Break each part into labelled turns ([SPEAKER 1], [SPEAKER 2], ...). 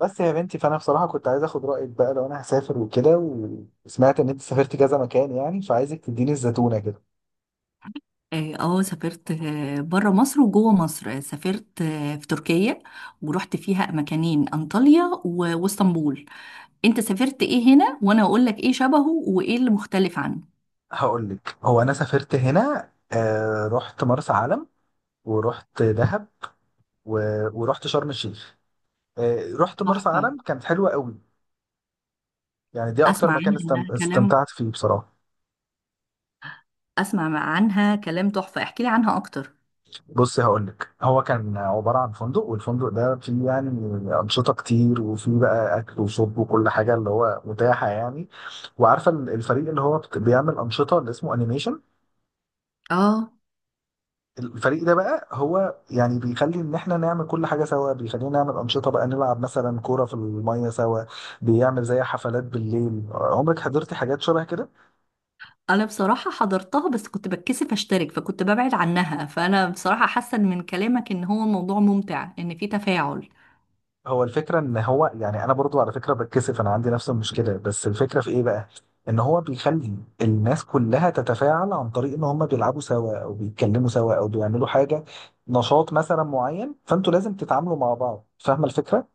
[SPEAKER 1] بس يا بنتي فانا بصراحه كنت عايز اخد رايك بقى لو انا هسافر وكده وسمعت ان انت سافرت كذا مكان يعني فعايزك تديني الزتونه كده.
[SPEAKER 2] سافرت بره مصر وجوه مصر، سافرت في تركيا. ورحت فيها مكانين، انطاليا واسطنبول. انت سافرت ايه هنا وانا اقول لك ايه شبهه وايه اللي مختلف عنه؟
[SPEAKER 1] هقول لك، هو انا سافرت هنا، آه رحت مرسى علم ورحت دهب و... ورحت شرم الشيخ. آه رحت مرسى
[SPEAKER 2] تحفة.
[SPEAKER 1] علم، كانت حلوه قوي. يعني دي اكتر
[SPEAKER 2] اسمع
[SPEAKER 1] مكان
[SPEAKER 2] عنها انها كلام.
[SPEAKER 1] استمتعت فيه بصراحه.
[SPEAKER 2] اسمع عنها كلام تحفة، احكي لي عنها اكتر.
[SPEAKER 1] بص هقول لك، هو كان عباره عن فندق، والفندق ده فيه يعني انشطه كتير، وفيه بقى اكل وشرب وكل حاجه اللي هو متاحه يعني. وعارفه الفريق اللي هو بيعمل انشطه، اللي اسمه انيميشن.
[SPEAKER 2] اه،
[SPEAKER 1] الفريق ده بقى هو يعني بيخلي ان احنا نعمل كل حاجه سوا، بيخلينا نعمل انشطه بقى، نلعب مثلا كوره في الميه سوا، بيعمل زي حفلات بالليل. عمرك حضرتي حاجات شبه كده؟
[SPEAKER 2] انا بصراحة حضرتها بس كنت بتكسف اشترك فكنت ببعد عنها، فانا بصراحة حاسة من كلامك ان هو الموضوع ممتع، ان في تفاعل.
[SPEAKER 1] هو الفكرة ان هو يعني انا برضو على فكرة بتكسف، انا عندي نفس المشكلة، بس الفكرة في ايه بقى؟ ان هو بيخلي الناس كلها تتفاعل عن طريق ان هم بيلعبوا سوا او بيتكلموا سوا او بيعملوا حاجة، نشاط مثلا معين، فانتوا لازم تتعاملوا مع بعض. فاهمة الفكرة؟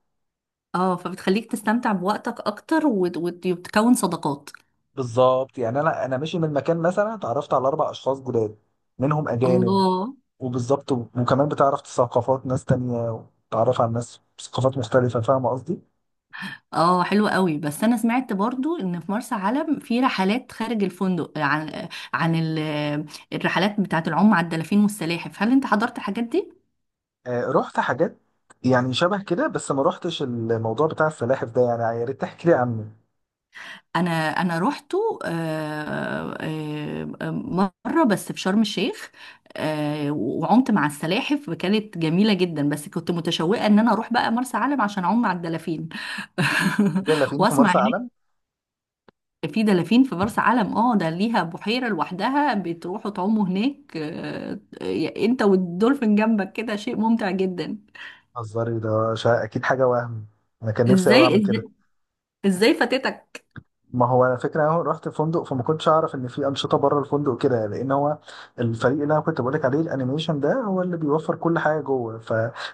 [SPEAKER 2] اه، فبتخليك تستمتع بوقتك اكتر وتكون صداقات.
[SPEAKER 1] بالظبط يعني، انا ماشي من مكان مثلا اتعرفت على اربع اشخاص جداد، منهم اجانب.
[SPEAKER 2] الله.
[SPEAKER 1] وبالظبط، وكمان بتعرف ثقافات ناس تانية، وتعرف على ناس ثقافات مختلفة. فاهمة قصدي؟
[SPEAKER 2] اه، حلو قوي، بس انا سمعت برضو ان في مرسى علم في رحلات خارج الفندق عن عن الرحلات بتاعه العوم على الدلافين والسلاحف، هل انت حضرت الحاجات دي؟
[SPEAKER 1] آه، رحت حاجات يعني شبه كده، بس ما رحتش الموضوع بتاع السلاحف ده، يعني يا ريت تحكي لي عنه.
[SPEAKER 2] انا انا روحته، مره بس في شرم الشيخ. وعمت مع السلاحف، كانت جميله جدا، بس كنت متشوقه ان انا اروح بقى مرسى علم عشان اعوم مع الدلافين.
[SPEAKER 1] يلا فين في
[SPEAKER 2] واسمع.
[SPEAKER 1] مرسى علم.
[SPEAKER 2] في دلافين في مرسى علم، اه، ده ليها بحيرة لوحدها بتروحوا تعوموا هناك، انت والدولفين جنبك كده، شيء ممتع جدا.
[SPEAKER 1] هزاري ده اكيد حاجه وهم. انا كان نفسي قوي
[SPEAKER 2] ازاي
[SPEAKER 1] اعمل كده.
[SPEAKER 2] ازاي ازاي فاتتك؟
[SPEAKER 1] ما هو انا فكره انا رحت فندق، فما كنتش اعرف ان في انشطه بره الفندق كده، لان هو الفريق اللي انا كنت بقولك عليه الانيميشن ده هو اللي بيوفر كل حاجه جوه، ف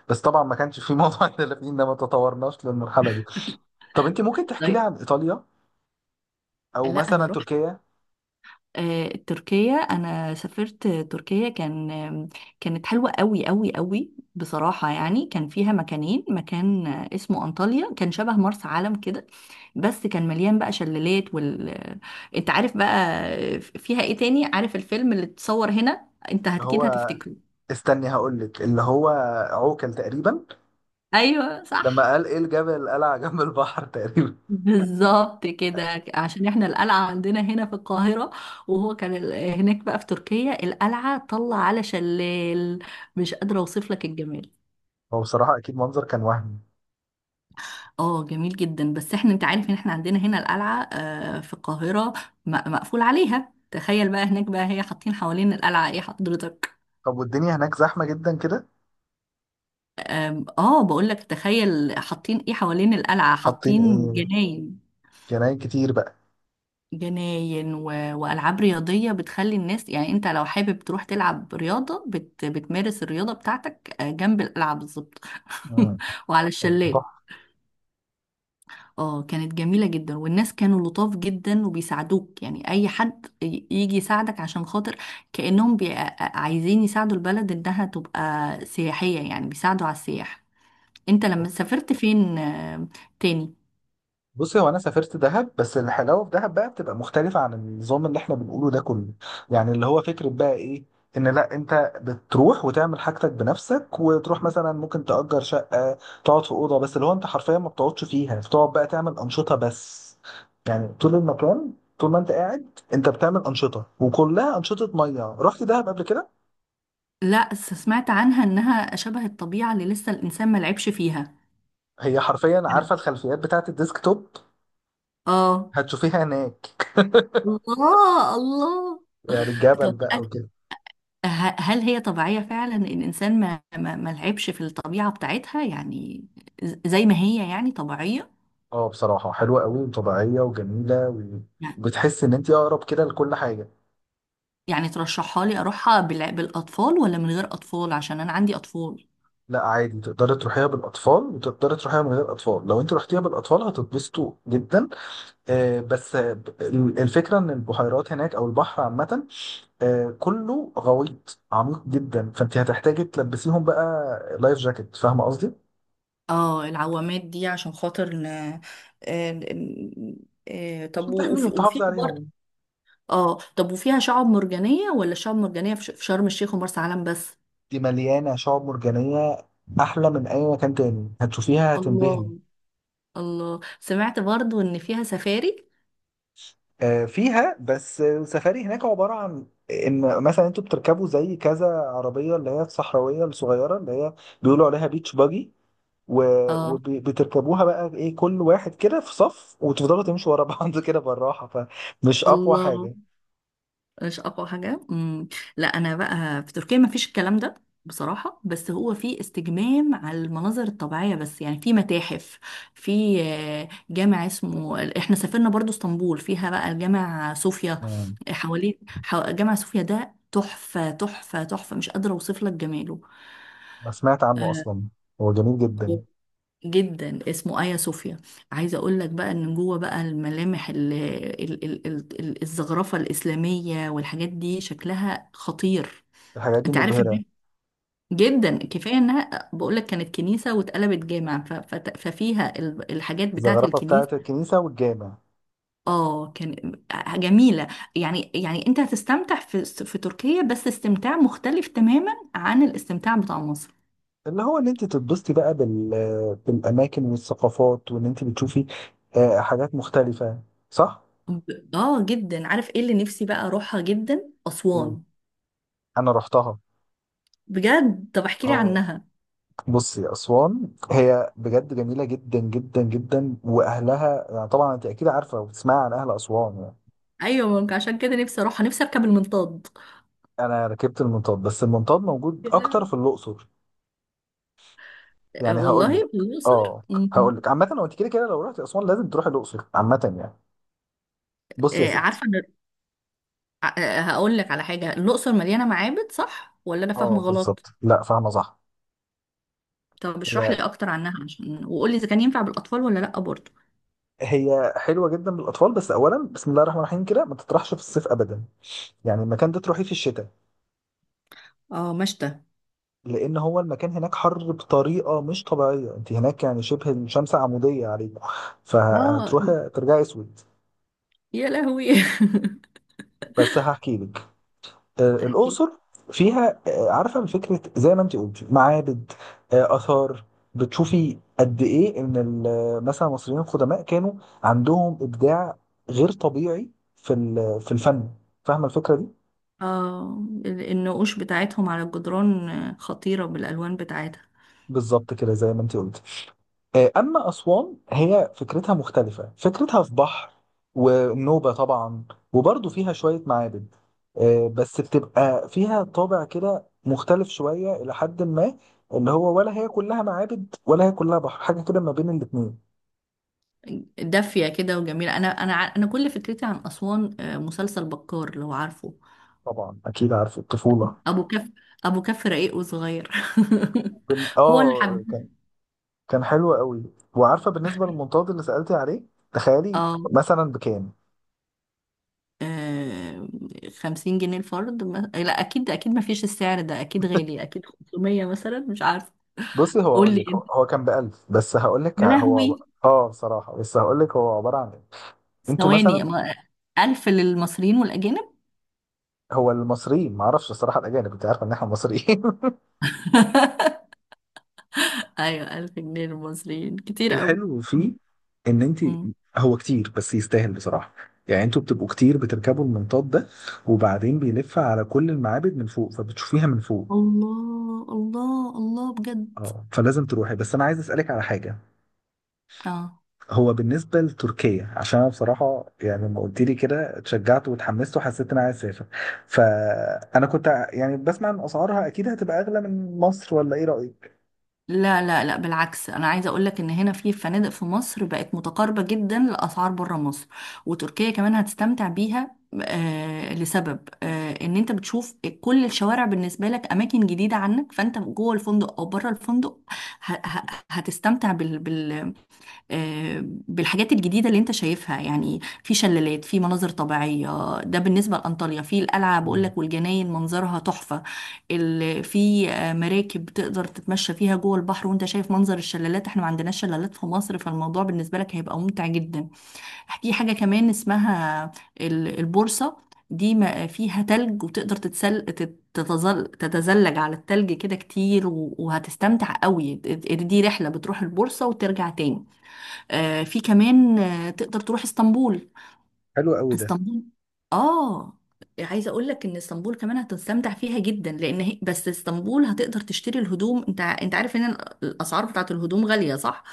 [SPEAKER 1] بس طبعا ما كانش في موضوع الدلافين ده، ما تطورناش للمرحله دي. طب انت ممكن تحكي لي
[SPEAKER 2] طيب.
[SPEAKER 1] عن ايطاليا او
[SPEAKER 2] لا
[SPEAKER 1] مثلا
[SPEAKER 2] انا،
[SPEAKER 1] تركيا؟
[SPEAKER 2] تركيا. انا سافرت تركيا، كان كانت حلوه قوي قوي قوي بصراحه، يعني كان فيها مكانين، مكان اسمه انطاليا كان شبه مرسى علم كده، بس كان مليان بقى شلالات وال آه، انت عارف بقى. فيها ايه تاني؟ عارف الفيلم اللي اتصور هنا؟ انت
[SPEAKER 1] اللي هو،
[SPEAKER 2] اكيد هتفتكره.
[SPEAKER 1] استني هقول لك، اللي هو عوكل تقريبا.
[SPEAKER 2] ايوه صح.
[SPEAKER 1] لما قال ايه الجبل، قال على جنب البحر تقريبا.
[SPEAKER 2] بالظبط كده، عشان احنا القلعة عندنا هنا في القاهرة، وهو كان هناك بقى في تركيا القلعة طلع على شلال. مش قادرة اوصف لك الجمال.
[SPEAKER 1] هو بصراحة اكيد منظر كان وهمي.
[SPEAKER 2] اه جميل جدا. بس احنا، انت عارف ان احنا عندنا هنا القلعة في القاهرة، مقفول عليها. تخيل بقى هناك بقى هي حاطين حوالين القلعة ايه حضرتك.
[SPEAKER 1] طب والدنيا هناك زحمة جدا كده؟
[SPEAKER 2] اه بقول لك، تخيل حاطين ايه حوالين القلعة؟
[SPEAKER 1] حاطين
[SPEAKER 2] حاطين
[SPEAKER 1] ايه؟
[SPEAKER 2] جناين.
[SPEAKER 1] جناين كتير بقى.
[SPEAKER 2] جناين وألعاب رياضية بتخلي الناس، يعني أنت لو حابب تروح تلعب رياضة بتمارس الرياضة بتاعتك جنب الألعاب، بالظبط.
[SPEAKER 1] امم
[SPEAKER 2] وعلى
[SPEAKER 1] طب
[SPEAKER 2] الشلال.
[SPEAKER 1] تحفة.
[SPEAKER 2] اه كانت جميلة جدا، والناس كانوا لطاف جدا وبيساعدوك، يعني أي حد يجي يساعدك عشان خاطر، كأنهم بي... آه، آه، عايزين يساعدوا البلد إنها تبقى سياحية، يعني بيساعدوا على السياح. أنت لما سافرت فين تاني؟
[SPEAKER 1] بصي، هو انا سافرت دهب، بس الحلاوه في دهب بقى بتبقى مختلفه عن النظام اللي احنا بنقوله ده كله. يعني اللي هو فكره بقى ايه؟ ان لا، انت بتروح وتعمل حاجتك بنفسك، وتروح مثلا ممكن تأجر شقه، تقعد في اوضه، بس اللي هو انت حرفيا ما بتقعدش فيها، بتقعد بقى تعمل انشطه بس. يعني طول المكان، طول ما انت قاعد، انت بتعمل انشطه، وكلها انشطه ميه. رحت دهب قبل كده؟
[SPEAKER 2] لا سمعت عنها إنها شبه الطبيعة اللي لسه الإنسان ما لعبش فيها.
[SPEAKER 1] هي حرفيا عارفه الخلفيات بتاعت الديسك توب،
[SPEAKER 2] اه.
[SPEAKER 1] هتشوفيها هناك.
[SPEAKER 2] الله الله.
[SPEAKER 1] يعني الجبل
[SPEAKER 2] طب
[SPEAKER 1] بقى.
[SPEAKER 2] هل هي طبيعية فعلا، إن الإنسان ما لعبش في الطبيعة بتاعتها؟ يعني زي ما هي يعني طبيعية.
[SPEAKER 1] اه بصراحة حلوة قوي وطبيعية وجميلة
[SPEAKER 2] يعني،
[SPEAKER 1] وبتحس ان انت اقرب كده لكل حاجة.
[SPEAKER 2] يعني ترشحها لي أروحها بالأطفال ولا من غير أطفال؟ عشان أنا عندي أطفال.
[SPEAKER 1] لا عادي، تقدري تروحيها بالاطفال وتقدري تروحيها من غير اطفال. لو انت رحتيها بالاطفال هتتبسطوا جدا. آه بس الفكرة ان البحيرات هناك او البحر عامة آه كله غويط عميق جدا، فانت هتحتاجي تلبسيهم بقى لايف جاكيت. فاهمة قصدي؟
[SPEAKER 2] اه العوامات دي عشان خاطر آه، ن- طب
[SPEAKER 1] عشان تحميهم
[SPEAKER 2] وفي
[SPEAKER 1] تحافظي
[SPEAKER 2] وفي برضه.
[SPEAKER 1] عليهم.
[SPEAKER 2] اه، طب وفيها شعاب مرجانية، ولا شعاب مرجانية في في شرم الشيخ ومرسى علم بس؟
[SPEAKER 1] دي مليانة شعاب مرجانية، احلى من اي مكان تاني. هتشوفيها هتنبهري.
[SPEAKER 2] الله. الله، سمعت برضو ان فيها سفاري.
[SPEAKER 1] آه، فيها، بس السفاري هناك عبارة عن ان مثلا انتوا بتركبوا زي كذا عربية، اللي هي الصحراوية الصغيرة، اللي هي بيقولوا عليها بيتش باجي،
[SPEAKER 2] اه.
[SPEAKER 1] وبتركبوها بقى ايه، كل واحد كده في صف، وتفضلوا تمشوا ورا بعض كده بالراحة. فمش اقوى
[SPEAKER 2] الله.
[SPEAKER 1] حاجة.
[SPEAKER 2] مش اقوى حاجه. لا انا بقى في تركيا ما فيش الكلام ده بصراحه، بس هو في استجمام على المناظر الطبيعيه، بس يعني في متاحف، في جامع اسمه، احنا سافرنا برضو اسطنبول فيها بقى الجامع صوفيا.
[SPEAKER 1] آه،
[SPEAKER 2] جامع صوفيا ده تحفه تحفه تحفه، مش قادره اوصف لك جماله.
[SPEAKER 1] انا سمعت عنه
[SPEAKER 2] آه،
[SPEAKER 1] اصلا. هو جميل جدا.
[SPEAKER 2] جدا، اسمه آيا صوفيا. عايزه اقول لك بقى ان جوه بقى الملامح الزخرفه الاسلاميه والحاجات دي شكلها خطير.
[SPEAKER 1] الحاجات دي
[SPEAKER 2] انت عارف
[SPEAKER 1] مبهرة.
[SPEAKER 2] ان جدا، كفايه انها بقول لك كانت كنيسه واتقلبت جامع ففيها الحاجات بتاعه
[SPEAKER 1] الزخرفة بتاعة
[SPEAKER 2] الكنيسه.
[SPEAKER 1] الكنيسة والجامع.
[SPEAKER 2] اه كان جميله. يعني، يعني انت هتستمتع في في تركيا، بس استمتاع مختلف تماما عن الاستمتاع بتاع مصر.
[SPEAKER 1] اللي هو ان انت تتبسطي بقى بالاماكن والثقافات، وان انت بتشوفي آه، حاجات مختلفة. صح؟
[SPEAKER 2] اه جدا. عارف ايه اللي نفسي بقى اروحها جدا؟ اسوان.
[SPEAKER 1] انا رحتها.
[SPEAKER 2] بجد، طب احكي لي
[SPEAKER 1] اه
[SPEAKER 2] عنها.
[SPEAKER 1] بصي، اسوان هي بجد جميله جدا جدا جدا، واهلها يعني طبعا انت اكيد عارفه وبتسمعي عن اهل اسوان يعني.
[SPEAKER 2] ايوه، ممكن عشان كده نفسي اروح، نفسي اركب المنطاد.
[SPEAKER 1] انا ركبت المنطاد، بس المنطاد موجود اكتر
[SPEAKER 2] كده.
[SPEAKER 1] في الاقصر. يعني هقول
[SPEAKER 2] والله
[SPEAKER 1] لك،
[SPEAKER 2] الاقصر.
[SPEAKER 1] اه
[SPEAKER 2] مم.
[SPEAKER 1] هقول لك عامه، هو انت كده كده لو رحت اسوان لازم تروحي الاقصر عامه يعني. بصي يا
[SPEAKER 2] آه،
[SPEAKER 1] ستي.
[SPEAKER 2] عارفه أنا- آه، آه، هقول لك على حاجه، الاقصر مليانه معابد صح ولا انا
[SPEAKER 1] اه
[SPEAKER 2] فاهمه غلط؟
[SPEAKER 1] بالظبط، لا فاهمه صح.
[SPEAKER 2] طب اشرح
[SPEAKER 1] هي
[SPEAKER 2] لي اكتر عنها، عشان وقول لي اذا كان ينفع بالاطفال ولا لا برضه.
[SPEAKER 1] هي حلوه جدا للاطفال، بس اولا بسم الله الرحمن الرحيم كده ما تطرحش في الصيف ابدا. يعني المكان ده تروحيه في الشتاء،
[SPEAKER 2] اه مشتى.
[SPEAKER 1] لان هو المكان هناك حر بطريقه مش طبيعيه، انت هناك يعني شبه الشمس عموديه عليكم،
[SPEAKER 2] اه،
[SPEAKER 1] فهتروحي ترجعي اسود.
[SPEAKER 2] يا لهوي.
[SPEAKER 1] بس هحكي لك آه،
[SPEAKER 2] احكي.
[SPEAKER 1] الاقصر فيها آه، عارفه فكره زي ما انت قلتي، معابد، آه، اثار. بتشوفي قد ايه ان مثلا المصريين القدماء كانوا عندهم ابداع غير طبيعي في في الفن. فاهمه الفكره دي؟
[SPEAKER 2] اه، النقوش بتاعتهم على الجدران خطيره بالالوان بتاعتها.
[SPEAKER 1] بالظبط كده زي ما انت قلتي. آه، أما أسوان هي فكرتها مختلفة، فكرتها في بحر، ونوبة طبعا، وبرضه فيها شوية معابد آه، بس بتبقى فيها طابع كده مختلف شوية إلى حد ما. اللي هو ولا هي كلها معابد ولا هي كلها بحر، حاجة كده ما بين الاتنين.
[SPEAKER 2] دافية كده وجميلة. أنا كل فكرتي عن أسوان مسلسل بكار، لو عارفه.
[SPEAKER 1] طبعا أكيد عارف، الطفولة.
[SPEAKER 2] أبو كف. أبو كف رقيق وصغير.
[SPEAKER 1] بن...
[SPEAKER 2] هو اللي
[SPEAKER 1] آه
[SPEAKER 2] حب.
[SPEAKER 1] كان كان حلو قوي. وعارفة بالنسبة للمنطاد اللي سألتي عليه، تخيلي
[SPEAKER 2] اه.
[SPEAKER 1] مثلا بكام.
[SPEAKER 2] آه، 50 جنيه الفرد؟ ما... لا أكيد أكيد ما فيش السعر ده، أكيد غالي، أكيد 500 مثلا، مش عارفة.
[SPEAKER 1] بصي هو
[SPEAKER 2] قول
[SPEAKER 1] هقول
[SPEAKER 2] لي
[SPEAKER 1] لك، هو
[SPEAKER 2] أنت.
[SPEAKER 1] هو كان بألف، بس هقول لك
[SPEAKER 2] يا
[SPEAKER 1] هو
[SPEAKER 2] لهوي.
[SPEAKER 1] اه بصراحة، بس هقول لك هو عبارة عن إيه. انتوا
[SPEAKER 2] ثواني
[SPEAKER 1] مثلا،
[SPEAKER 2] 1000 للمصريين والأجانب؟
[SPEAKER 1] هو المصريين ما اعرفش الصراحه، الاجانب انت عارف ان احنا مصريين.
[SPEAKER 2] أيوة، 1000 جنيه للمصريين كتير أوي.
[SPEAKER 1] الحلو فيه ان انت،
[SPEAKER 2] مم.
[SPEAKER 1] هو كتير بس يستاهل بصراحه. يعني انتوا بتبقوا كتير بتركبوا المنطاد ده، وبعدين بيلف على كل المعابد من فوق، فبتشوفيها من فوق.
[SPEAKER 2] الله الله الله، بجد.
[SPEAKER 1] اه فلازم تروحي. بس انا عايز اسالك على حاجه.
[SPEAKER 2] اه،
[SPEAKER 1] هو بالنسبه لتركيا، عشان انا بصراحه يعني لما قلت لي كده اتشجعت واتحمست وحسيت ان انا عايز اسافر، فانا كنت يعني بسمع ان اسعارها اكيد هتبقى اغلى من مصر، ولا ايه رايك؟
[SPEAKER 2] لا لا لا بالعكس، انا عايزه اقول لك ان هنا في فنادق في مصر بقت متقاربه جدا لاسعار بره مصر، وتركيا كمان هتستمتع بيها، آه لسبب آه ان انت بتشوف كل الشوارع بالنسبه لك اماكن جديده عنك، فانت جوه الفندق او بره الفندق ه- ه- هتستمتع بالحاجات الجديدة اللي انت شايفها. يعني في شلالات، في مناظر طبيعية، ده بالنسبة لأنطاليا. في القلعة
[SPEAKER 1] مم.
[SPEAKER 2] بقولك والجناين منظرها تحفة. في مراكب تقدر تتمشى فيها جوه البحر وانت شايف منظر الشلالات، احنا ما عندناش شلالات في مصر، فالموضوع بالنسبة لك هيبقى ممتع جدا. في حاجة كمان اسمها البورصة، دي فيها تلج وتقدر تتزلج على التلج كده كتير وهتستمتع قوي. دي رحلة بتروح البورصة وترجع تاني. في كمان تقدر تروح اسطنبول.
[SPEAKER 1] حلو قوي ده.
[SPEAKER 2] اسطنبول، اه. عايزه اقول لك ان اسطنبول كمان هتستمتع فيها جدا، لان هي، بس اسطنبول هتقدر تشتري الهدوم. انت انت عارف ان الاسعار بتاعت الهدوم غاليه صح؟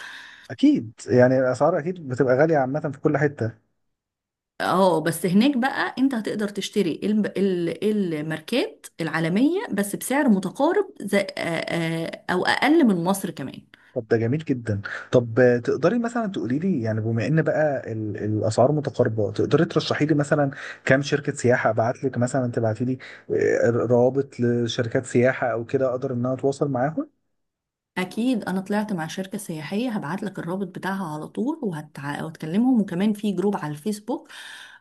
[SPEAKER 1] اكيد يعني الاسعار اكيد بتبقى غاليه عامه في كل حته.
[SPEAKER 2] اه بس هناك بقى انت هتقدر تشتري الماركات العالميه بس بسعر متقارب زي او اقل من مصر كمان.
[SPEAKER 1] طب ده جميل جدا. طب آه، تقدري مثلا تقولي لي، يعني بما ان بقى الاسعار متقاربه، تقدري ترشحي لي مثلا كام شركه سياحه، ابعت لك مثلا تبعتي لي آه، روابط لشركات سياحه او كده، اقدر ان انا اتواصل معاهم.
[SPEAKER 2] اكيد، انا طلعت مع شركه سياحيه هبعت لك الرابط بتاعها على طول وهتكلمهم، وكمان في جروب على الفيسبوك.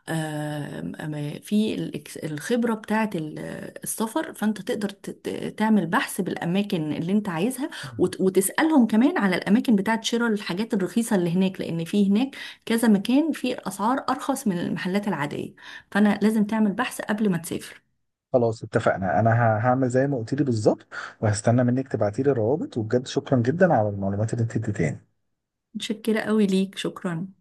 [SPEAKER 2] آم، آم، في الخبره بتاعه السفر، فانت تقدر تعمل بحث بالاماكن اللي انت عايزها،
[SPEAKER 1] مم.
[SPEAKER 2] وتسالهم كمان على الاماكن بتاعه شراء الحاجات الرخيصه اللي هناك، لان في هناك كذا مكان في اسعار ارخص من المحلات العاديه، فانا لازم تعمل بحث قبل ما تسافر.
[SPEAKER 1] خلاص اتفقنا. انا هعمل زي ما قلت لي بالظبط، وهستنى منك تبعتي لي الروابط. وبجد شكرا جدا على المعلومات اللي انت اديتها.
[SPEAKER 2] متشكره قوي ليك، شكرا.